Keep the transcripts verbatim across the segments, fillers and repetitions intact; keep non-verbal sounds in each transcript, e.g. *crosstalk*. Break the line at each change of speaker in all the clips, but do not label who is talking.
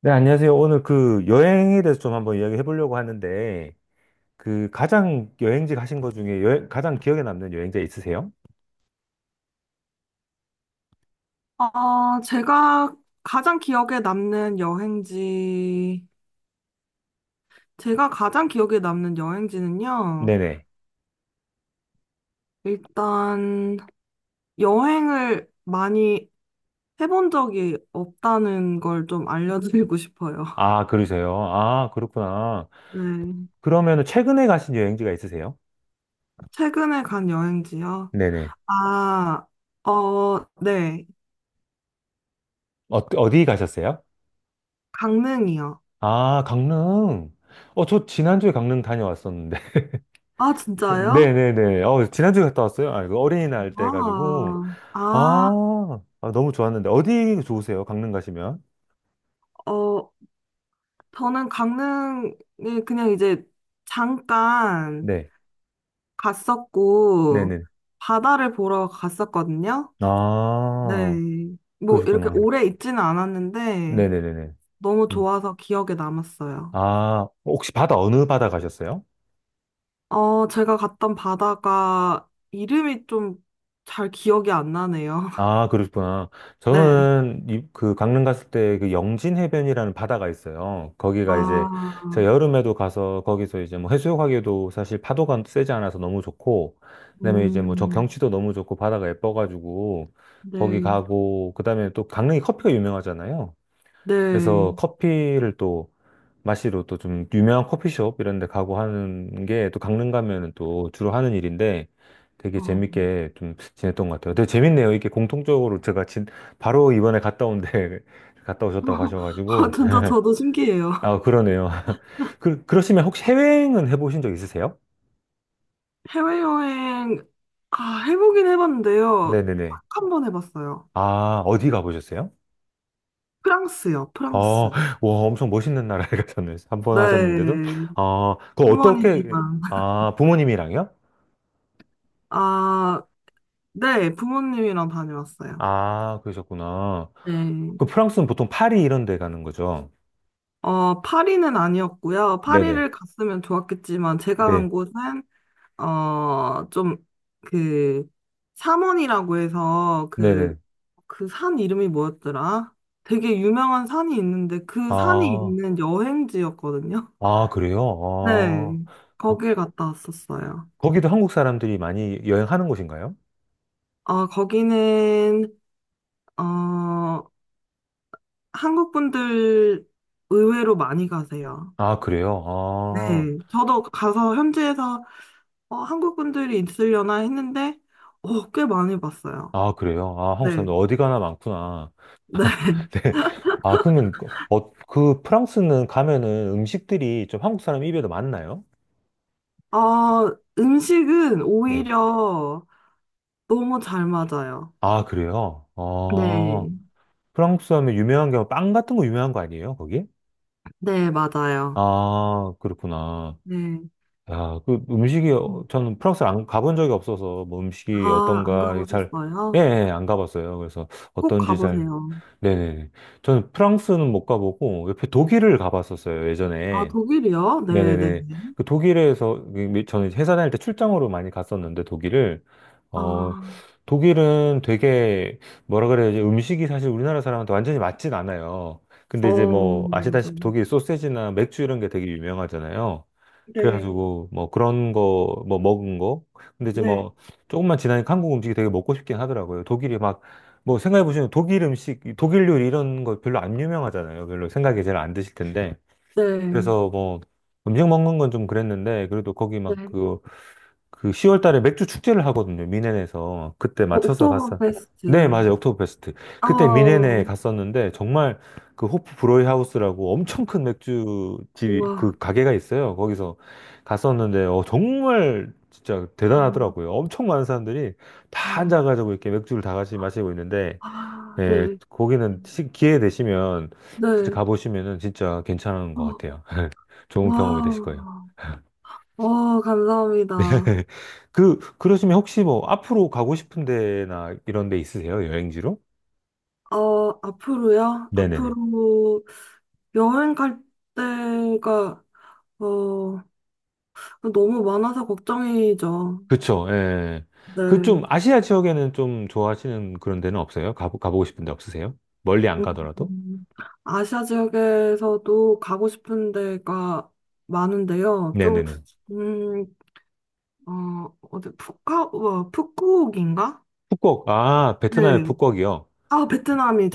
네, 안녕하세요. 오늘 그 여행에 대해서 좀 한번 이야기해 보려고 하는데, 그 가장 여행지 가신 것 중에 여행- 가장 기억에 남는 여행지 있으세요?
아, 제가 가장 기억에 남는 여행지, 제가 가장 기억에 남는 여행지는요,
네네.
일단 여행을 많이 해본 적이 없다는 걸 좀 알려드리고 싶어요.
아, 그러세요? 아, 그렇구나.
네.
그러면 최근에 가신 여행지가 있으세요?
최근에 간 여행지요.
네네.
아, 어, 네.
어, 어디 가셨어요?
강릉이요.
아, 강릉. 어, 저 지난주에 강릉 다녀왔었는데. *laughs*
아,
그-
진짜요?
네네네. 어, 지난주에 갔다 왔어요? 아, 그 어린이날 때 가지고
아, 아,
아, 아, 너무 좋았는데. 어디 좋으세요? 강릉 가시면?
어, 저는 강릉에 그냥 이제 잠깐
네.
갔었고,
네네.
바다를 보러 갔었거든요. 네.
아.
뭐, 이렇게
그러셨구나.
오래 있지는 않았는데,
네네네네.
너무
음.
좋아서 기억에 남았어요.
아, 혹시 바다, 어느 바다 가셨어요?
어, 제가 갔던 바다가 이름이 좀 잘 기억이 안 나네요. *laughs*
아, 그러셨구나.
네.
저는 이- 그 강릉 갔을 때 그 영진 해변이라는 바다가 있어요. 거기가 이제 제가
아,
여름에도 가서 거기서 이제 뭐 해수욕하기에도 사실 파도가 세지 않아서 너무 좋고, 그다음에 이제 뭐 저
음,
경치도 너무 좋고 바다가 예뻐가지고 거기
네.
가고, 그다음에 또 강릉이 커피가 유명하잖아요. 그래서
네.
커피를 또 마시러 또 좀 유명한 커피숍 이런 데 가고 하는 게 또 강릉 가면은 또 주로 하는 일인데 되게
어.
재밌게 좀 지냈던 것 같아요. 되게 재밌네요. 이게 공통적으로 제가 진, 바로 이번에 갔다 온데 *laughs* 갔다 오셨다고
*laughs* 아,
하셔가지고.
진짜 저도 신기해요.
아, 그러네요. *laughs* 그, 그러시면 혹시 해외여행은 해보신 적 있으세요?
해외여행, 아, 해보긴 해봤는데요.
네네네.
딱 한 번 해봤어요.
아, 어디 가보셨어요?
프랑스요,
어,
프랑스.
와, 엄청 멋있는 나라에 *laughs* 가셨네요. 한 번 하셨는데도.
네,
아, 그거 어떻게,
휴먼이지만.
아, 부모님이랑요?
아, 네, 부모님이랑 다녀왔어요.
아, 그러셨구나.
네.
그 프랑스는 보통 파리 이런 데 가는 거죠?
어, 파리는 아니었고요.
네네.
파리를 갔으면 좋았겠지만, 제가 간
네.
곳은, 어, 좀, 그, 샤원이라고 해서, 그,
네네.
그 산 이름이 뭐였더라? 되게 유명한 산이 있는데, 그 산이
아,
있는 여행지였거든요.
아, 그래요? 아,
네,
거,
거길 갔다 왔었어요.
거기도 한국 사람들이 많이 여행하는 곳인가요?
어, 거기는, 어, 한국 분들 의외로 많이 가세요.
아, 그래요?
네.
아,
저도 가서 현지에서 어, 한국 분들이 있으려나 했는데, 어, 꽤 많이 봤어요.
아, 그래요? 아,
네.
한국 사람들 어디 가나 많구나.
네.
*laughs*
*laughs*
네. 아, 그러면, 그- 어, 그 프랑스는 가면은 음식들이 좀 한국 사람 입에도 맞나요?
어, 음식은
네.
오히려 너무 잘 맞아요.
아, 그래요? 아,
네.
프랑스 하면 유명한 게 빵 같은 거 유명한 거 아니에요, 거기?
네, 맞아요.
아, 그렇구나.
네.
야, 그 음식이, 어-
음.
저는 프랑스를 안 가본 적이 없어서, 뭐 음식이
아, 안
어떤가 잘, 예,
가보셨어요?
예, 안 가봤어요. 그래서
꼭
어떤지 잘,
가보세요.
네네네. 저는 프랑스는 못 가보고, 옆에 독일을 가봤었어요,
아,
예전에.
독일이요? 네, 네.
네네네.
네.
그 독일에서, 그 미- 저는 회사 다닐 때 출장으로 많이 갔었는데, 독일을. 어,
아,
독일은 되게, 뭐라 그래야 지 음식이 사실 우리나라 사람한테 완전히 맞진 않아요. 근데 이제
어,
뭐, 아시다시피
맞아요.
독일 소세지나 맥주 이런 게 되게 유명하잖아요.
네,
그래가지고, 뭐, 그런 거, 뭐, 먹은 거. 근데 이제
네,
뭐, 조금만 지나니까 한국 음식이 되게 먹고 싶긴 하더라고요. 독일이 막, 뭐, 생각해보시면 독일 음식, 독일 요리 이런 거 별로 안 유명하잖아요. 별로 생각이 잘 안 드실 텐데.
네,
그래서 뭐 음식 먹는 건 좀 그랬는데 그래도 거기
네.
막 그 그 시월 달에 맥주 축제를 하거든요. 미넨에서 그때
어,
맞춰서 갔어. 네,
옥토버페스트.
맞아요. 옥토버페스트.
아,
그때 미넨에 갔었는데 정말 그 호프 브로이 하우스라고 엄청 큰 맥주집 그
와,
가게가 있어요. 거기서 갔었는데 어 정말 진짜 대단하더라고요. 엄청 많은 사람들이 다 앉아가지고 이렇게 맥주를 다 같이 마시고 있는데
아,
예,
네,
거기는 시- 기회 되시면 진짜
네,
가보시면은 진짜 괜찮은 것
어,
같아요. 좋은 경험이 되실 거예요.
와, 와, 감사합니다.
*laughs* 그, 그러시면 혹시 뭐 앞으로 가고 싶은 데나 이런 데 있으세요? 여행지로?
어, 앞으로요?
네네네.
앞으로 여행 갈 때가, 어, 너무 많아서 걱정이죠.
그쵸, 예. 그
네.
좀 아시아 지역에는 좀 좋아하시는 그런 데는 없어요? 가보, 가보고 싶은 데 없으세요? 멀리 안 가더라도?
음, 아시아 지역에서도 가고 싶은 데가 많은데요. 좀,
네네네.
음, 어, 어디, 푸카, 어, 푸꾸옥인가?
푸꾸옥, 아, 베트남의
네.
푸꾸옥이요?
아,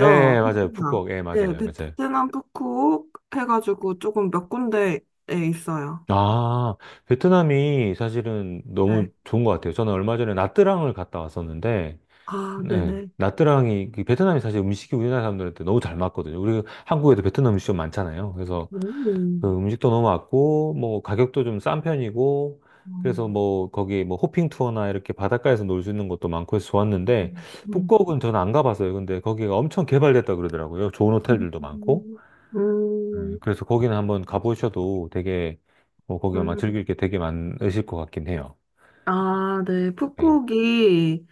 예, 예, 맞아요.
베트남.
푸꾸옥, 예,
네,
맞아요. 맞아요.
베트남 푸꾸옥 해가지고 조금 몇 군데에 있어요.
아, 베트남이 사실은 너무
네.
좋은 것 같아요. 저는 얼마 전에 나트랑을 갔다 왔었는데,
아,
네.
네네.
나트랑이, 그 베트남이 사실 음식이 우리나라 사람들한테 너무 잘 맞거든요. 우리 한국에도 베트남 음식점 많잖아요. 그래서
오.
그 음식도 너무 맞고, 뭐 가격도 좀 싼 편이고, 그래서
음,
뭐 거기 뭐 호핑 투어나 이렇게 바닷가에서 놀 수 있는 것도 많고 해서 좋았는데,
음,
북극은 저는 안 가봤어요. 근데 거기가 엄청 개발됐다 그러더라고요. 좋은 호텔들도 많고. 네,
음,
그래서 거기는 한번 가보셔도 되게, 뭐 거기 아마
음.
즐길 게 되게 많으실 것 같긴 해요.
아, 네.
네.
푸꾸옥이,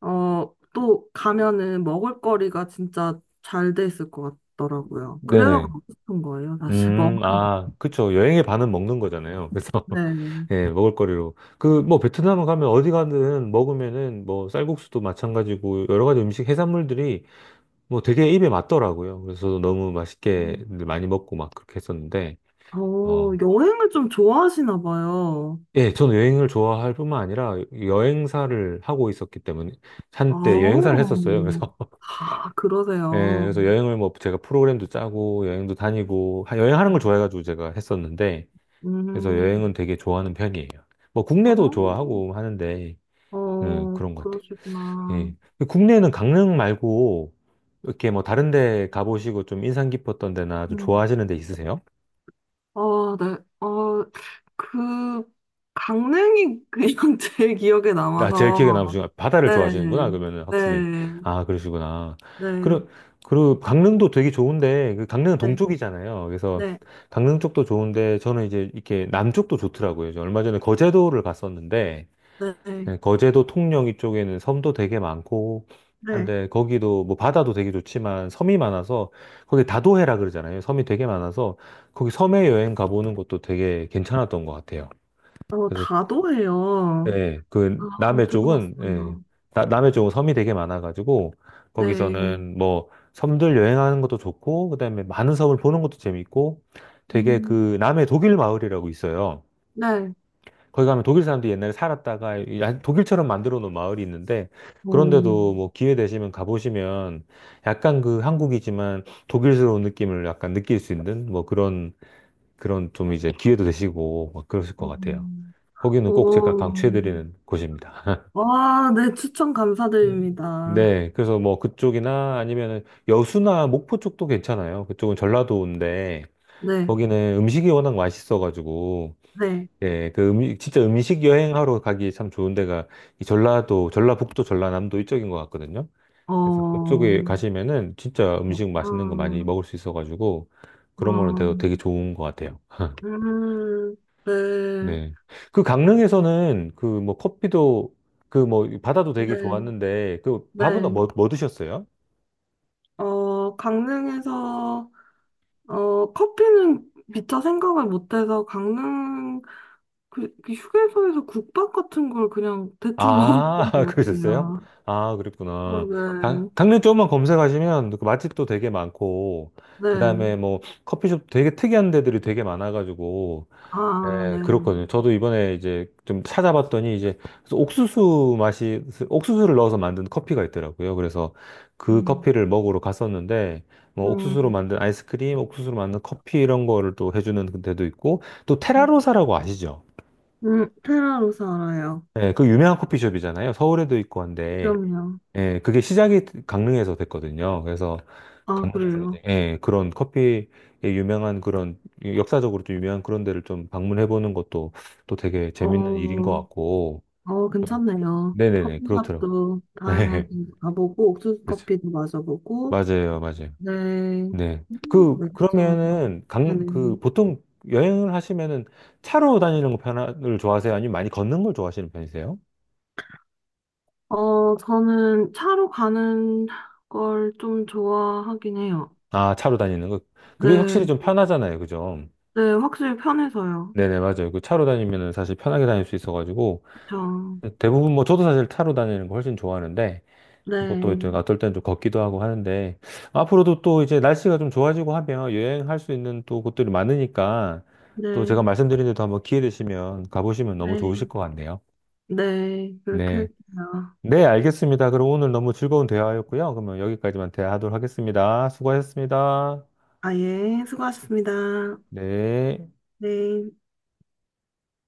어, 또 가면은 먹을거리가 진짜 잘 돼 있을 것 같더라고요. 그래서
네네.
가고 싶은 거예요, 사실. 먹을,
음, 아, 그쵸. 여행의 반은 먹는 거잖아요.
네.
예, 먹을거리로. 그, 뭐, 베트남 가면 어디 가든 먹으면은 뭐, 쌀국수도 마찬가지고, 여러 가지 음식, 해산물들이 뭐 되게 입에 맞더라고요. 그래서 너무 맛있게
음.
많이 먹고 막 그렇게 했었는데,
어,
어.
여행을 좀 좋아하시나 봐요.
예, 저는 여행을 좋아할 뿐만 아니라 여행사를 하고 있었기 때문에, 한때 여행사를
아,
했었어요. 그래서, *laughs*
아,
예,
그러세요.
그래서 여행을 뭐 제가 프로그램도 짜고, 여행도 다니고, 하- 여행하는 걸
음,
좋아해가지고 제가 했었는데, 그래서
음.
여행은 되게 좋아하는 편이에요. 뭐, 국내도 좋아하고 하는데, 음,
어,
그런 것 같아요.
그러시구나.
예. 국내에는 강릉 말고 이렇게 뭐 다른 데 가보시고 좀 인상 깊었던 데나 좀
음.
좋아하시는 데 있으세요?
아, 네. 어, 그, 강릉이 그냥 *laughs* 제일 기억에
나 제일 기억에 남으신
남아서.
건 바다를
네,
좋아하시는구나.
네,
그러면은 확실히
네,
아 그러시구나.
네,
그리고 그리고 강릉도 되게 좋은데 그 강릉은 동쪽이잖아요. 그래서
네,
강릉 쪽도 좋은데 저는 이제 이렇게 남쪽도 좋더라고요. 저 얼마 전에 거제도를 갔었는데
네,
네, 거제도 통영 이쪽에는 섬도 되게 많고
네.
한데 거기도 뭐 바다도 되게 좋지만 섬이 많아서 거기 다도해라 그러잖아요. 섬이 되게 많아서 거기 섬에 여행 가보는 것도 되게 괜찮았던 것 같아요.
어,
그래서
다도해요.
예, 그
아,
남해 쪽은 예,
들어봤어요.
나- 남해 쪽은 섬이 되게 많아가지고
네.
거기서는 뭐 섬들 여행하는 것도 좋고 그다음에 많은 섬을 보는 것도 재밌고 되게
음,
그 남해 독일 마을이라고 있어요.
네.
거기 가면 독일 사람들이 옛날에 살았다가 이 야- 독일처럼 만들어 놓은 마을이 있는데
오,
그런데도 뭐 기회 되시면 가보시면 약간 그 한국이지만 독일스러운 느낌을 약간 느낄 수 있는 뭐 그런 그런 좀 이제 기회도 되시고 막 그러실 것 같아요.
오,
거기는 꼭 제가
오.
강추해드리는 곳입니다.
와, 네, 추천
*laughs*
감사드립니다.
네, 그래서 뭐 그쪽이나 아니면 여수나 목포 쪽도 괜찮아요. 그쪽은 전라도인데
네,
거기는 음식이 워낙 맛있어가지고
네,
예, 그 음식, 진짜 음식 여행하러 가기 참 좋은 데가 이 전라도, 전라북도, 전라남도 이쪽인 것 같거든요.
어,
그래서 그쪽에
어,
가시면은 진짜 음식 맛있는 거 많이 먹을 수 있어가지고 그런 거는
어,
되게, 되게 좋은 것 같아요. *laughs*
음, 네,
네. 그 강릉에서는 그 뭐 커피도 그 뭐 바다도 되게
네,
좋았는데 그 밥은
네.
뭐, 뭐 드셨어요?
어, 강릉에서, 어, 커피는 미처 생각을 못해서 강릉, 그, 그 휴게소에서 국밥 같은 걸 그냥 대충 *laughs*
아,
먹었던
*laughs*
것
그러셨어요?
같아요.
아, 그랬구나.
어,
강, 강릉 쪽만 검색하시면 그 맛집도 되게 많고,
네,
그
네,
다음에 뭐 커피숍 되게 특이한 데들이 되게 많아가지고,
아, 네.
예, 그렇거든요. 저도 이번에 이제 좀 찾아봤더니 이제 그래서 옥수수 맛이, 옥수수를 넣어서 만든 커피가 있더라고요. 그래서 그
음.
커피를 먹으러 갔었는데, 뭐 옥수수로
음,
만든 아이스크림, 옥수수로 만든 커피 이런 거를 또 해주는 데도 있고, 또 테라로사라고 아시죠?
음, 페라로서 알아요.
예, 그 유명한 커피숍이잖아요. 서울에도 있고 한데.
그럼요.
예, 그게 시작이 강릉에서 됐거든요. 그래서
아,
강릉에서
그래요.
이제 예, 그런 커피에 유명한 그런 역사적으로 좀 유명한 그런 데를 좀 방문해 보는 것도 또 되게 재밌는 일인 것
어,
같고.
어,
좀-
괜찮네요.
네네네, 그렇더라고요.
커피숍도
네,
다양하게
*laughs*
가보고, 옥수수
그렇죠.
커피도 마셔보고,
맞아요, 맞아요.
네.
네.
음,
그,
네, 괜찮아요.
그러면은 강, 그
네네.
보통 여행을 하시면은 차로 다니는 거 편을 좋아하세요? 아니면 많이 걷는 걸 좋아하시는 편이세요?
어, 저는 차로 가는 걸 좀 좋아하긴 해요.
아, 차로 다니는 거. 그게 확실히
네.
좀 편하잖아요, 그죠?
네, 확실히 편해서요.
네네, 맞아요. 그 차로 다니면은 사실 편하게 다닐 수 있어가지고,
그쵸.
대부분 뭐 저도 사실 차로 다니는 거 훨씬 좋아하는데, 뭐 또
네.
어떨 땐 좀 걷기도 하고 하는데, 앞으로도 또 이제 날씨가 좀 좋아지고 하면 여행할 수 있는 또 곳들이 많으니까, 또 제가
네.
말씀드린 데도 한번 기회 되시면 가보시면 너무
네.
좋으실 것 같네요.
네. 그렇게
네.
할게요.
네, 알겠습니다. 그럼 오늘 너무 즐거운 대화였고요. 그러면 여기까지만 대화하도록 하겠습니다. 수고하셨습니다.
아, 예. 수고하셨습니다.
네.
네.